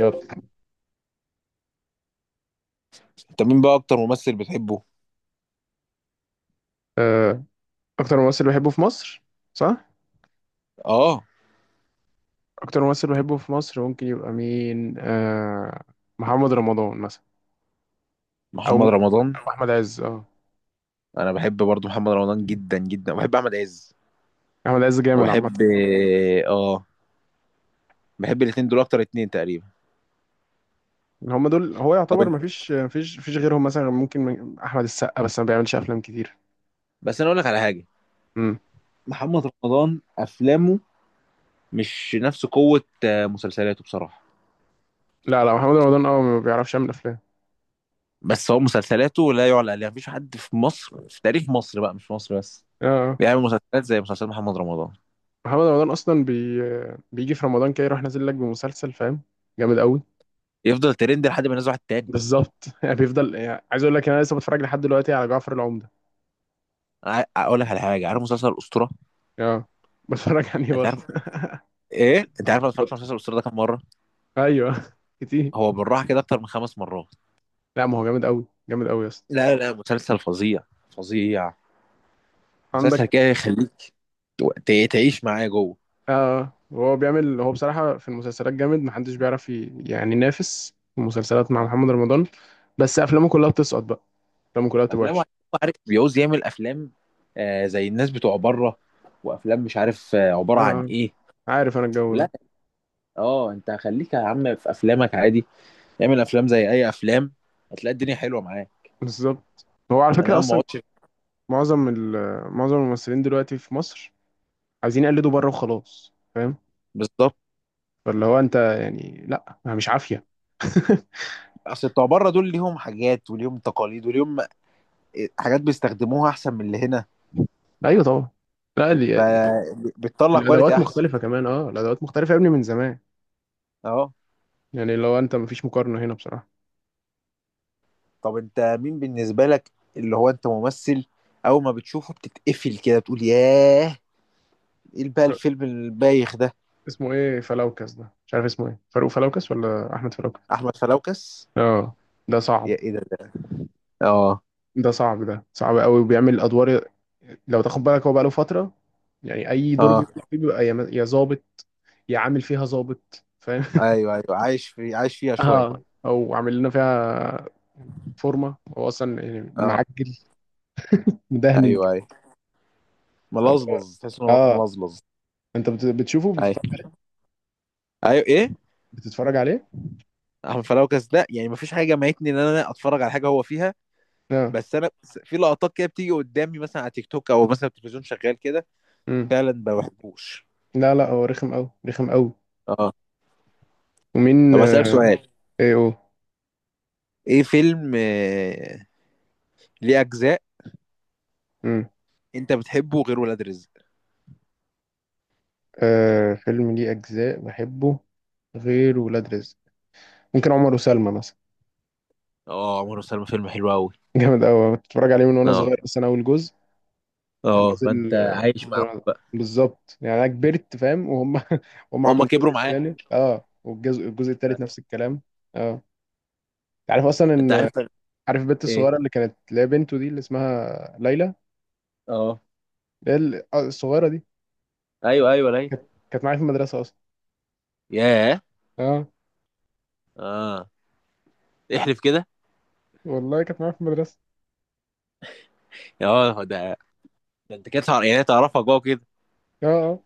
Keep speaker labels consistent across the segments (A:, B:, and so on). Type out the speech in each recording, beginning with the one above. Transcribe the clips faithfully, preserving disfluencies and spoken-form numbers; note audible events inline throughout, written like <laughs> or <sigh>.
A: يلا.
B: انت مين بقى اكتر ممثل بتحبه؟
A: آه، اكتر ممثل بحبه في مصر، صح.
B: اه.
A: اكتر ممثل بحبه في مصر ممكن يبقى مين؟ آه محمد رمضان مثلا، او
B: محمد
A: ممكن
B: رمضان.
A: احمد عز. اه
B: انا بحب برضو محمد رمضان جدا جدا وبحب احمد عز
A: احمد عز جامد عامه.
B: وبحب اه بحب الاتنين دول اكتر اتنين تقريبا.
A: هم دول، هو
B: طب
A: يعتبر
B: انت،
A: مفيش مفيش مفيش غيرهم. مثلا ممكن من- احمد السقا، بس ما بيعملش افلام كتير.
B: بس انا اقول لك على حاجه.
A: امم
B: محمد رمضان افلامه مش نفس قوه، آه، مسلسلاته بصراحه.
A: لا لا، محمد رمضان اه ما بيعرفش يعمل افلام.
B: بس هو مسلسلاته لا يعلى عليها، مفيش حد في مصر في تاريخ مصر بقى، مش في مصر بس،
A: اه آه.
B: بيعمل مسلسلات زي مسلسل محمد رمضان.
A: محمد رمضان اصلا بي بيجي في رمضان كده يروح نازل لك بمسلسل، فاهم؟ جامد قوي.
B: يفضل ترند لحد ما ينزل واحد تاني.
A: بالظبط. <laughs> يعني بيفضل، يعني عايز اقول لك، انا لسه بتفرج لحد دلوقتي على جعفر العمدة.
B: ع- اقول لك على حاجه. عارف مسلسل الاسطوره؟
A: اه بتفرج عليه
B: انت
A: برضه.
B: عارف ايه، انت عارف انا اتفرجت على
A: بط-
B: مسلسل الاسطوره ده كام مره؟
A: ايوه، كتير.
B: هو بالراحه كده اكتر من خمس مرات.
A: لا ما هو جامد قوي، جامد قوي يا اسطى.
B: لا لا لا، مسلسل فظيع. فظيع. مسلسل
A: عندك
B: كده يخليك ت- تعيش معاه جوه.
A: اه هو بيعمل، هو بصراحه في المسلسلات جامد، محدش بيعرف ي- يعني ينافس في المسلسلات مع
B: آه.
A: محمد رمضان. بس افلامه كلها بتسقط بقى، افلامه كلها بتبقى
B: افلام،
A: وحشه.
B: عارف، بيعوز يعمل افلام، آه زي الناس بتوع بره، وافلام مش عارف آه عباره عن
A: اه
B: ايه.
A: عارف انا الجو
B: لا،
A: ده.
B: اه انت خليك يا عم في افلامك عادي. اعمل افلام زي اي افلام، هتلاقي الدنيا حلوه معاه.
A: بالظبط. هو على فكره
B: انا ما
A: اصلا
B: اقعدش.
A: معظم ال- معظم الممثلين دلوقتي في مصر عايزين يقلدوا بره وخلاص، فاهم؟
B: بالظبط.
A: فاللي هو انت يعني لا، مش عافيه. <laughs>
B: اصل بتوع بره دول ليهم حاجات وليهم تقاليد وليهم، آه، حاجات بيستخدموها احسن من اللي هنا.
A: ايوه طبعا. لا دي،
B: فبتطلع كواليتي
A: الادوات
B: احسن.
A: مختلفه كمان، اه الادوات مختلفه يا ابني من زمان.
B: اه.
A: يعني لو انت، مفيش مقارنه هنا بصراحه.
B: طب انت مين بالنسبة لك، اللي هو انت ممثل اول ما بتشوفه بتتقفل كده بتقول ياه، ايه بقى
A: ر-
B: الفيلم البايخ ده؟
A: اسمه ايه، فلوكس ده؟ مش عارف اسمه ايه، فاروق فلوكس ولا احمد فلوكس؟
B: احمد فلوكس.
A: اه ده
B: يا
A: صعب،
B: ايه ده, ده؟ اه.
A: ده صعب، ده صعب قوي. وبيعمل ادوار، لو تاخد بالك هو بقاله فتره، يعني اي دور
B: اه.
A: بيطلع فيه بيبقى يا يا ظابط، يا عامل فيها ظابط، فاهم؟
B: ايوه ايوه عايش في عايش فيها
A: <laughs>
B: شوية.
A: اه او عامل لنا فيها فورمه، هو اصلا يعني
B: اه.
A: معجل، مدهن
B: ايوه
A: كده.
B: ايوه ملظلظ، تحس ان هو
A: اه
B: ملظلظ.
A: انت بت- بتشوفه،
B: ايوه
A: بتتفرج،
B: ايوه ايه.
A: بتتفرج عليه؟
B: احمد فلوكس ده يعني مفيش حاجة جمعتني ان انا اتفرج على حاجة هو فيها.
A: اه
B: بس انا س- في لقطات كده بتيجي قدامي مثلا على تيك توك او مثلا التلفزيون شغال كده.
A: امم
B: فعلا ما بحبوش.
A: لا لا، هو رخم قوي، رخم قوي.
B: اه.
A: ومين؟
B: طب اسالك
A: آه،
B: سؤال،
A: ايه او؟
B: ايه فيلم، آه، ليه اجزاء،
A: امم
B: انت بتحبه غير ولاد رزق؟
A: آه، فيلم ليه اجزاء بحبه غير ولاد رزق؟ ممكن عمر وسلمى مثلا.
B: اه، عمر وسلمى فيلم حلو قوي.
A: <laughs> جامد قوي. كنت بتفرج عليه من وانا
B: اه
A: صغير، بس انا اول جزء كان
B: اه، فانت
A: نازل.
B: عايش معاهم
A: آه،
B: بقى.
A: بالظبط، يعني انا كبرت فاهم، وهم <laughs> هم
B: هما
A: عملوا الجزء
B: كبروا معاك.
A: الثالث. اه والجزء، الجزء الثالث نفس الكلام. اه انت عارف اصلا
B: انت
A: ان،
B: عارف
A: عارف البنت
B: ايه.
A: الصغيره اللي كانت، اللي هي بنته دي اللي اسمها ليلى،
B: اه.
A: اللي هي ال- آه، الصغيره دي،
B: ايوه ايوه ليلى.
A: كانت معايا في المدرسه اصلا.
B: ياه.
A: اه
B: اه، احلف كده.
A: والله كانت معايا في المدرسه.
B: اه. ده ده انت كده تعرف، يعني تعرفها جوه كده.
A: اه اه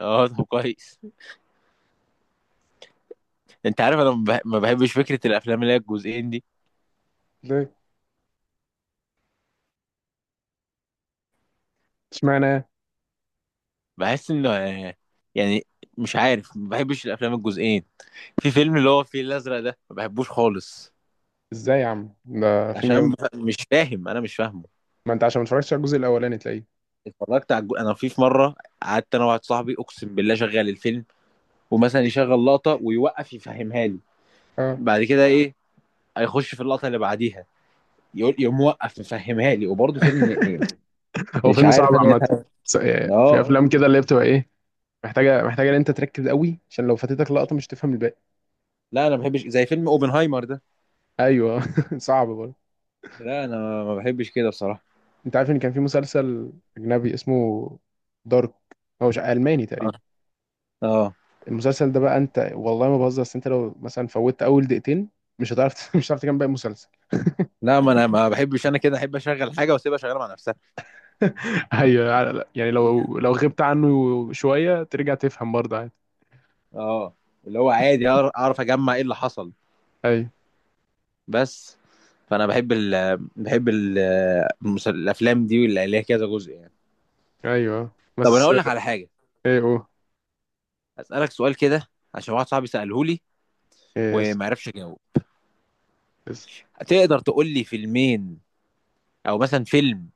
B: اه طب كويس. انت عارف انا ما بح- ما بحبش فكره الافلام اللي هي الجزئين دي.
A: ليه؟ اشمعنى؟
B: بحس انه، آه، يعني مش عارف، ما بحبش الافلام الجزئين. في فيلم اللي هو الفيل الازرق ده ما بحبوش خالص.
A: ازاي يا عم، ده فيلم
B: عشان
A: جامد.
B: بف- مش فاهم، انا مش فاهمه.
A: ما انت عشان ما اتفرجتش على الجزء الاولاني تلاقيه.
B: اتفرجت على الج- انا في في مره قعدت انا واحد صاحبي اقسم بالله شغال الفيلم، ومثلا يشغل لقطه ويوقف يفهمها لي.
A: اه
B: بعد كده ايه، هيخش في اللقطه اللي بعديها يقول يقوم موقف يفهمها لي، وبرضه فيلم ايه.
A: <laughs> هو
B: مش
A: فيلم صعب
B: عارف انا إيه.
A: عامه. س- يعني
B: فهم-
A: في
B: اه
A: افلام كده اللي هي بتبقى ايه، محتاجه، محتاجه ان انت تركز قوي، عشان لو فاتتك لقطه مش تفهم الباقي.
B: لا انا ما بحبش زي فيلم اوبنهايمر ده.
A: ايوه. <laughs> صعب برضه.
B: لا انا ما بحبش كده بصراحه.
A: انت عارف ان كان في مسلسل اجنبي اسمه دارك؟ هو مش الماني
B: اه.
A: تقريبا.
B: آه.
A: المسلسل ده بقى، انت والله ما بهزر، بس انت لو مثلا فوتت اول دقيقتين مش هتعرف <laughs> مش هتعرف تكمل باقي المسلسل.
B: لا، ما انا ما بحبش، انا كده احب اشغل حاجه واسيبها شغاله مع نفسها.
A: <laughs> ايوه، يعني لو لو غبت عنه شويه ترجع تفهم برضه عادي.
B: اه، اللي هو عادي أعر- اعرف اجمع ايه اللي حصل.
A: ايوه.
B: بس فانا بحب ال بحب ال المس- الافلام دي اللي ليها كذا جزء يعني.
A: ايوه،
B: طب انا
A: بس
B: اقول لك على حاجه،
A: ايه او؟
B: اسالك سؤال كده عشان واحد صاحبي ساله لي
A: ايه اس؟
B: وما عرفش اجاوب.
A: اس؟
B: تقدر تقول لي فيلمين، او مثلا فيلم،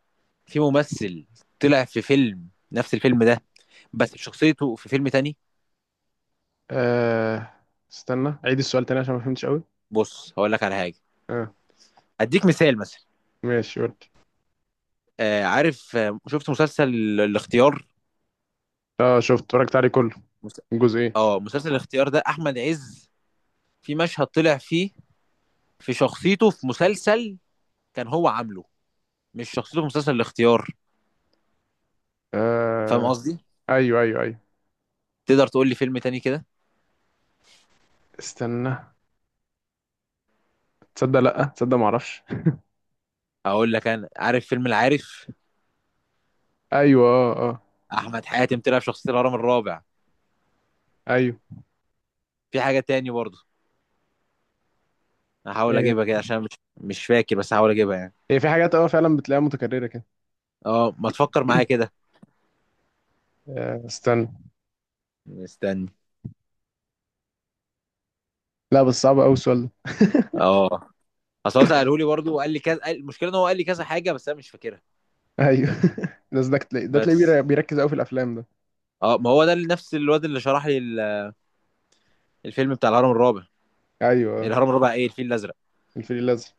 B: في ممثل طلع في فيلم نفس الفيلم ده بس شخصيته في فيلم تاني؟
A: آه استنى، عيد السؤال تاني عشان ما فهمتش قوي.
B: بص، هقول لك على حاجه،
A: اه
B: اديك مثال مثلا.
A: ماشي، قول.
B: آه عارف، آه، شفت مسلسل ال- الاختيار؟
A: اه شفت، اتفرجت عليه كله.
B: مس-
A: الجزء ايه؟
B: اه مسلسل الاختيار ده احمد عز في مشهد طلع فيه في شخصيته في مسلسل كان هو عامله، مش شخصيته في مسلسل الاختيار. فاهم
A: آه،
B: قصدي؟
A: ايوه ايوه ايوه.
B: تقدر تقول لي فيلم تاني كده؟
A: استنى، تصدق لا تصدق ما اعرفش.
B: اقول لك، انا عارف فيلم العارف،
A: <laughs> ايوه، اه اه.
B: احمد حاتم طلع في شخصيه الهرم الرابع.
A: ايوه.
B: في حاجه تاني برضه هحاول
A: ايه،
B: اجيبها كده، عشان مش مش فاكر، بس هحاول اجيبها يعني.
A: هي في حاجات اه فعلا بتلاقيها متكرره كده.
B: اه، ما تفكر معايا كده.
A: آه استنى.
B: استنى.
A: لا بس صعب قوي السؤال ده.
B: اه، اصل هو ساله لي برضه وقال لي كذا، قال- المشكله ان هو قال لي كذا حاجه بس انا مش فاكرها.
A: ايوه. <laughs> ده ده تلاقي- ده
B: بس
A: تلاقيه بيركز قوي في الافلام ده.
B: اه، ما هو ده اللي- نفس الواد اللي شرح لي ال- الفيلم بتاع الهرم الرابع.
A: ايوه. آه،
B: الهرم الرابع، ايه، الفيل الازرق.
A: الفيل الازرق.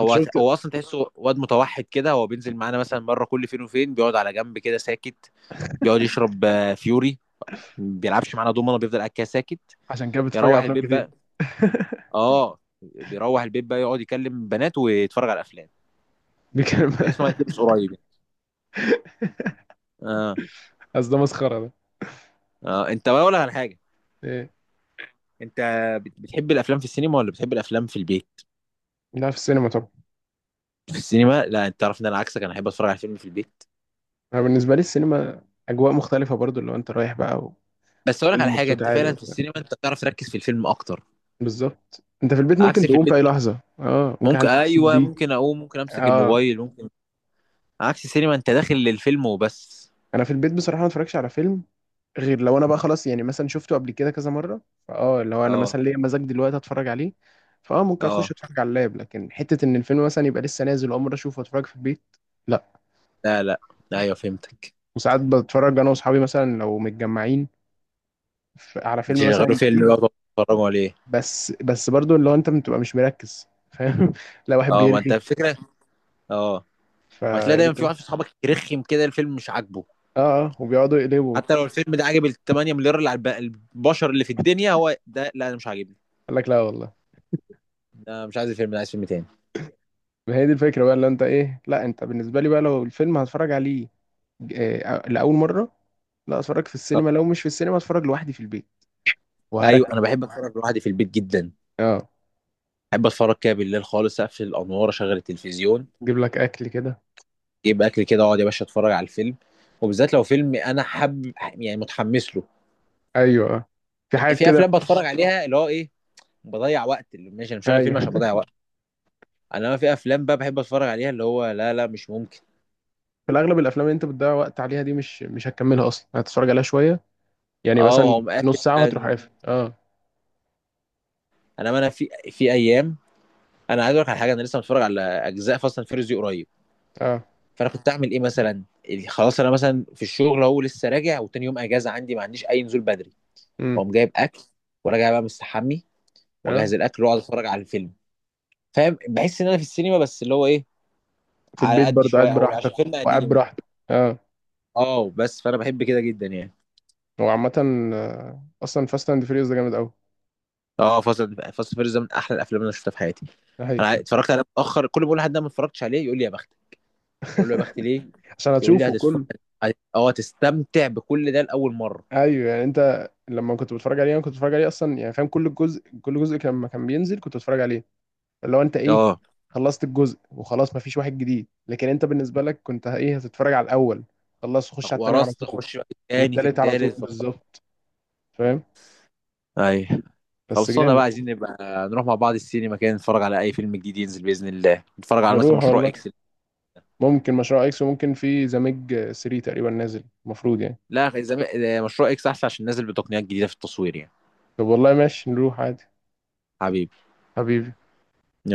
A: انت شفت؟
B: هو اصلا تحسه واد متوحد كده، هو بينزل معانا مثلا مره كل فين وفين، بيقعد على جنب كده ساكت. بيقعد يشرب، آه، فيوري، ما بيلعبش معانا دومنا، بيفضل قاعد كده ساكت.
A: عشان كده بتتفرج على
B: يروح
A: افلام
B: البيت
A: كتير.
B: بقى.
A: <laughs>
B: اه، بيروح البيت بقى يقعد يكلم بنات ويتفرج على افلام.
A: بيتكلم.
B: تحس ان هو هيتلبس قريب يعني. اه.
A: اصل ده مسخره، ده.
B: اه، انت بقى اقول لك على حاجه.
A: ايه؟
B: انت بت- بتحب الافلام في السينما ولا بتحب الافلام في البيت؟
A: لا في السينما طبعا.
B: في السينما؟ لا، انت تعرف ان انا عكسك، انا احب اتفرج على فيلم في البيت.
A: انا بالنسبه لي السينما اجواء مختلفه برضو، لو انت رايح بقى
B: بس اقول لك على
A: وفيلم
B: حاجه،
A: بصوت
B: انت
A: عالي
B: فعلا في
A: وبتاع.
B: السينما انت بتعرف تركز في الفيلم اكتر.
A: بالظبط، انت في البيت ممكن
B: عكس في
A: تقوم في
B: البيت،
A: اي لحظه، اه ممكن حد
B: ممكن،
A: يتصل
B: ايوه،
A: بيك.
B: ممكن اقوم، ممكن امسك
A: اه
B: الموبايل، ممكن. عكس السينما، انت داخل للفيلم وبس.
A: انا في البيت بصراحه ما اتفرجش على فيلم غير لو انا بقى خلاص، يعني مثلا شفته قبل كده كذا مره، فاه لو انا
B: اه.
A: مثلا ليا مزاج دلوقتي اتفرج عليه، فاه ممكن اخش
B: اه.
A: اتفرج على اللاب. لكن حته ان الفيلم مثلا يبقى لسه نازل اول مره اشوفه واتفرج في البيت، لا.
B: لا لا. ايوه، فهمتك.
A: وساعات بتفرج انا واصحابي، مثلا لو متجمعين، ف- على فيلم
B: شغلوا
A: مثلا
B: فيلم
A: جديد،
B: بقى، بتتفرجوا عليه.
A: بس، بس برضو اللي هو انت بتبقى مش مركز، فاهم؟ <laughs> لا، واحد
B: اه، ما انت
A: بيرغي
B: الفكره. اه،
A: ف
B: وهتلاقي
A: إيه دي
B: دايما في
A: كده؟
B: واحد في اصحابك يرخم كده، الفيلم مش عاجبه.
A: اه اه، وبيقعدوا يقلبوا
B: حتى
A: وبتاع.
B: لو الفيلم ده عاجب ال 8 مليار اللي على الب- البشر اللي في الدنيا، هو ده لا، انا مش عاجبني.
A: قال لك لا والله.
B: ده مش عايز الفيلم ده، عايز فيلم تاني.
A: ما هي دي الفكره بقى اللي انت، ايه؟ لا انت بالنسبه لي بقى، لو الفيلم هتفرج عليه آه، لاول مره، لا اتفرج في
B: اه
A: السينما. لو مش في السينما، اتفرج لوحدي في البيت.
B: ايوه، انا
A: وهركن.
B: بحب اتفرج لوحدي في البيت جدا.
A: اه
B: بحب اتفرج كده بالليل خالص، اقفل الانوار اشغل التلفزيون،
A: جيب لك اكل كده.
B: اجيب اكل كده واقعد يا باشا اتفرج على الفيلم، وبالذات لو فيلم انا حب يعني متحمس له.
A: ايوه. آه. في حاجات
B: في
A: كده.
B: افلام بتفرج عليها اللي هو ايه، بضيع وقت، اللي ماشي انا مشغل فيلم
A: ايوه.
B: عشان بضيع وقت.
A: <laughs>
B: انا، ما في افلام بقى بحب اتفرج عليها اللي هو لا لا، مش ممكن.
A: في الاغلب الافلام اللي انت بتضيع وقت عليها دي، مش مش هتكملها اصلا، هتتفرج عليها شويه، يعني
B: اه.
A: مثلا
B: وهو مقفل.
A: نص ساعة وهتروح قافل. اه
B: انا ما انا في في ايام، انا عايز اقول لك على حاجه، انا لسه متفرج على اجزاء فاست اند فيريوس دي قريب.
A: اه
B: فانا كنت اعمل ايه مثلا اللي خلاص، انا مثلا في الشغل اهو لسه راجع وتاني يوم اجازه عندي ما عنديش اي نزول بدري،
A: امم
B: واقوم جايب اكل وراجع بقى مستحمي، واجهز
A: اه
B: الاكل واقعد اتفرج على الفيلم. فاهم، بحس ان انا في السينما، بس اللي هو ايه،
A: في
B: على
A: البيت
B: قد
A: برضه
B: شويه،
A: قاعد
B: او
A: براحتك.
B: عشان فيلم
A: وقاعد
B: قديم.
A: براحتك. اه.
B: اه، بس فانا بحب كده جدا يعني.
A: هو عامة آه، أصلا فاست أند فيريوس ده جامد أوي.
B: اه، فاصل فاصل فيرز ده من احلى الافلام اللي انا شفتها في حياتي.
A: ده
B: انا ع-
A: حقيقي.
B: اتفرجت عليه متاخر، كل ما بقول لحد ده ما اتفرجتش عليه يقول لي يا بختك، اقول له يا بختي ليه؟
A: عشان
B: يقول لي
A: هتشوفه
B: هتتفرج
A: كله.
B: هت- اه هتستمتع بكل ده لاول مره.
A: أيوه، يعني أنت لما كنت بتتفرج عليه أنا كنت بتفرج عليه أصلا، يعني فاهم، كل جزء، كل جزء كان- لما كان بينزل كنت بتفرج عليه. اللي هو أنت إيه،
B: اه
A: خلصت الجزء وخلاص مفيش واحد جديد. لكن أنت بالنسبة لك كنت إيه، هتتفرج على الأول، خلص خش على التاني على
B: ورثت
A: طول.
B: اخش بقى في التاني في
A: والتالت على طول.
B: التالت في الرابع.
A: بالظبط، فاهم.
B: ايوه
A: بس
B: خلصونا
A: جامد.
B: بقى، عايزين نبقى نروح مع بعض السينما كده، نتفرج على اي فيلم جديد ينزل باذن الله، نتفرج على مثلا
A: نروح
B: مشروع
A: والله.
B: اكس.
A: ممكن مشروع اكس، وممكن في ذا ميج ثري تقريبا نازل المفروض يعني.
B: لا، زمان مشروع اكس احسن عشان نازل بتقنيات جديده في التصوير يعني.
A: طب والله ماشي، نروح عادي.
B: حبيبي.
A: حبيبي.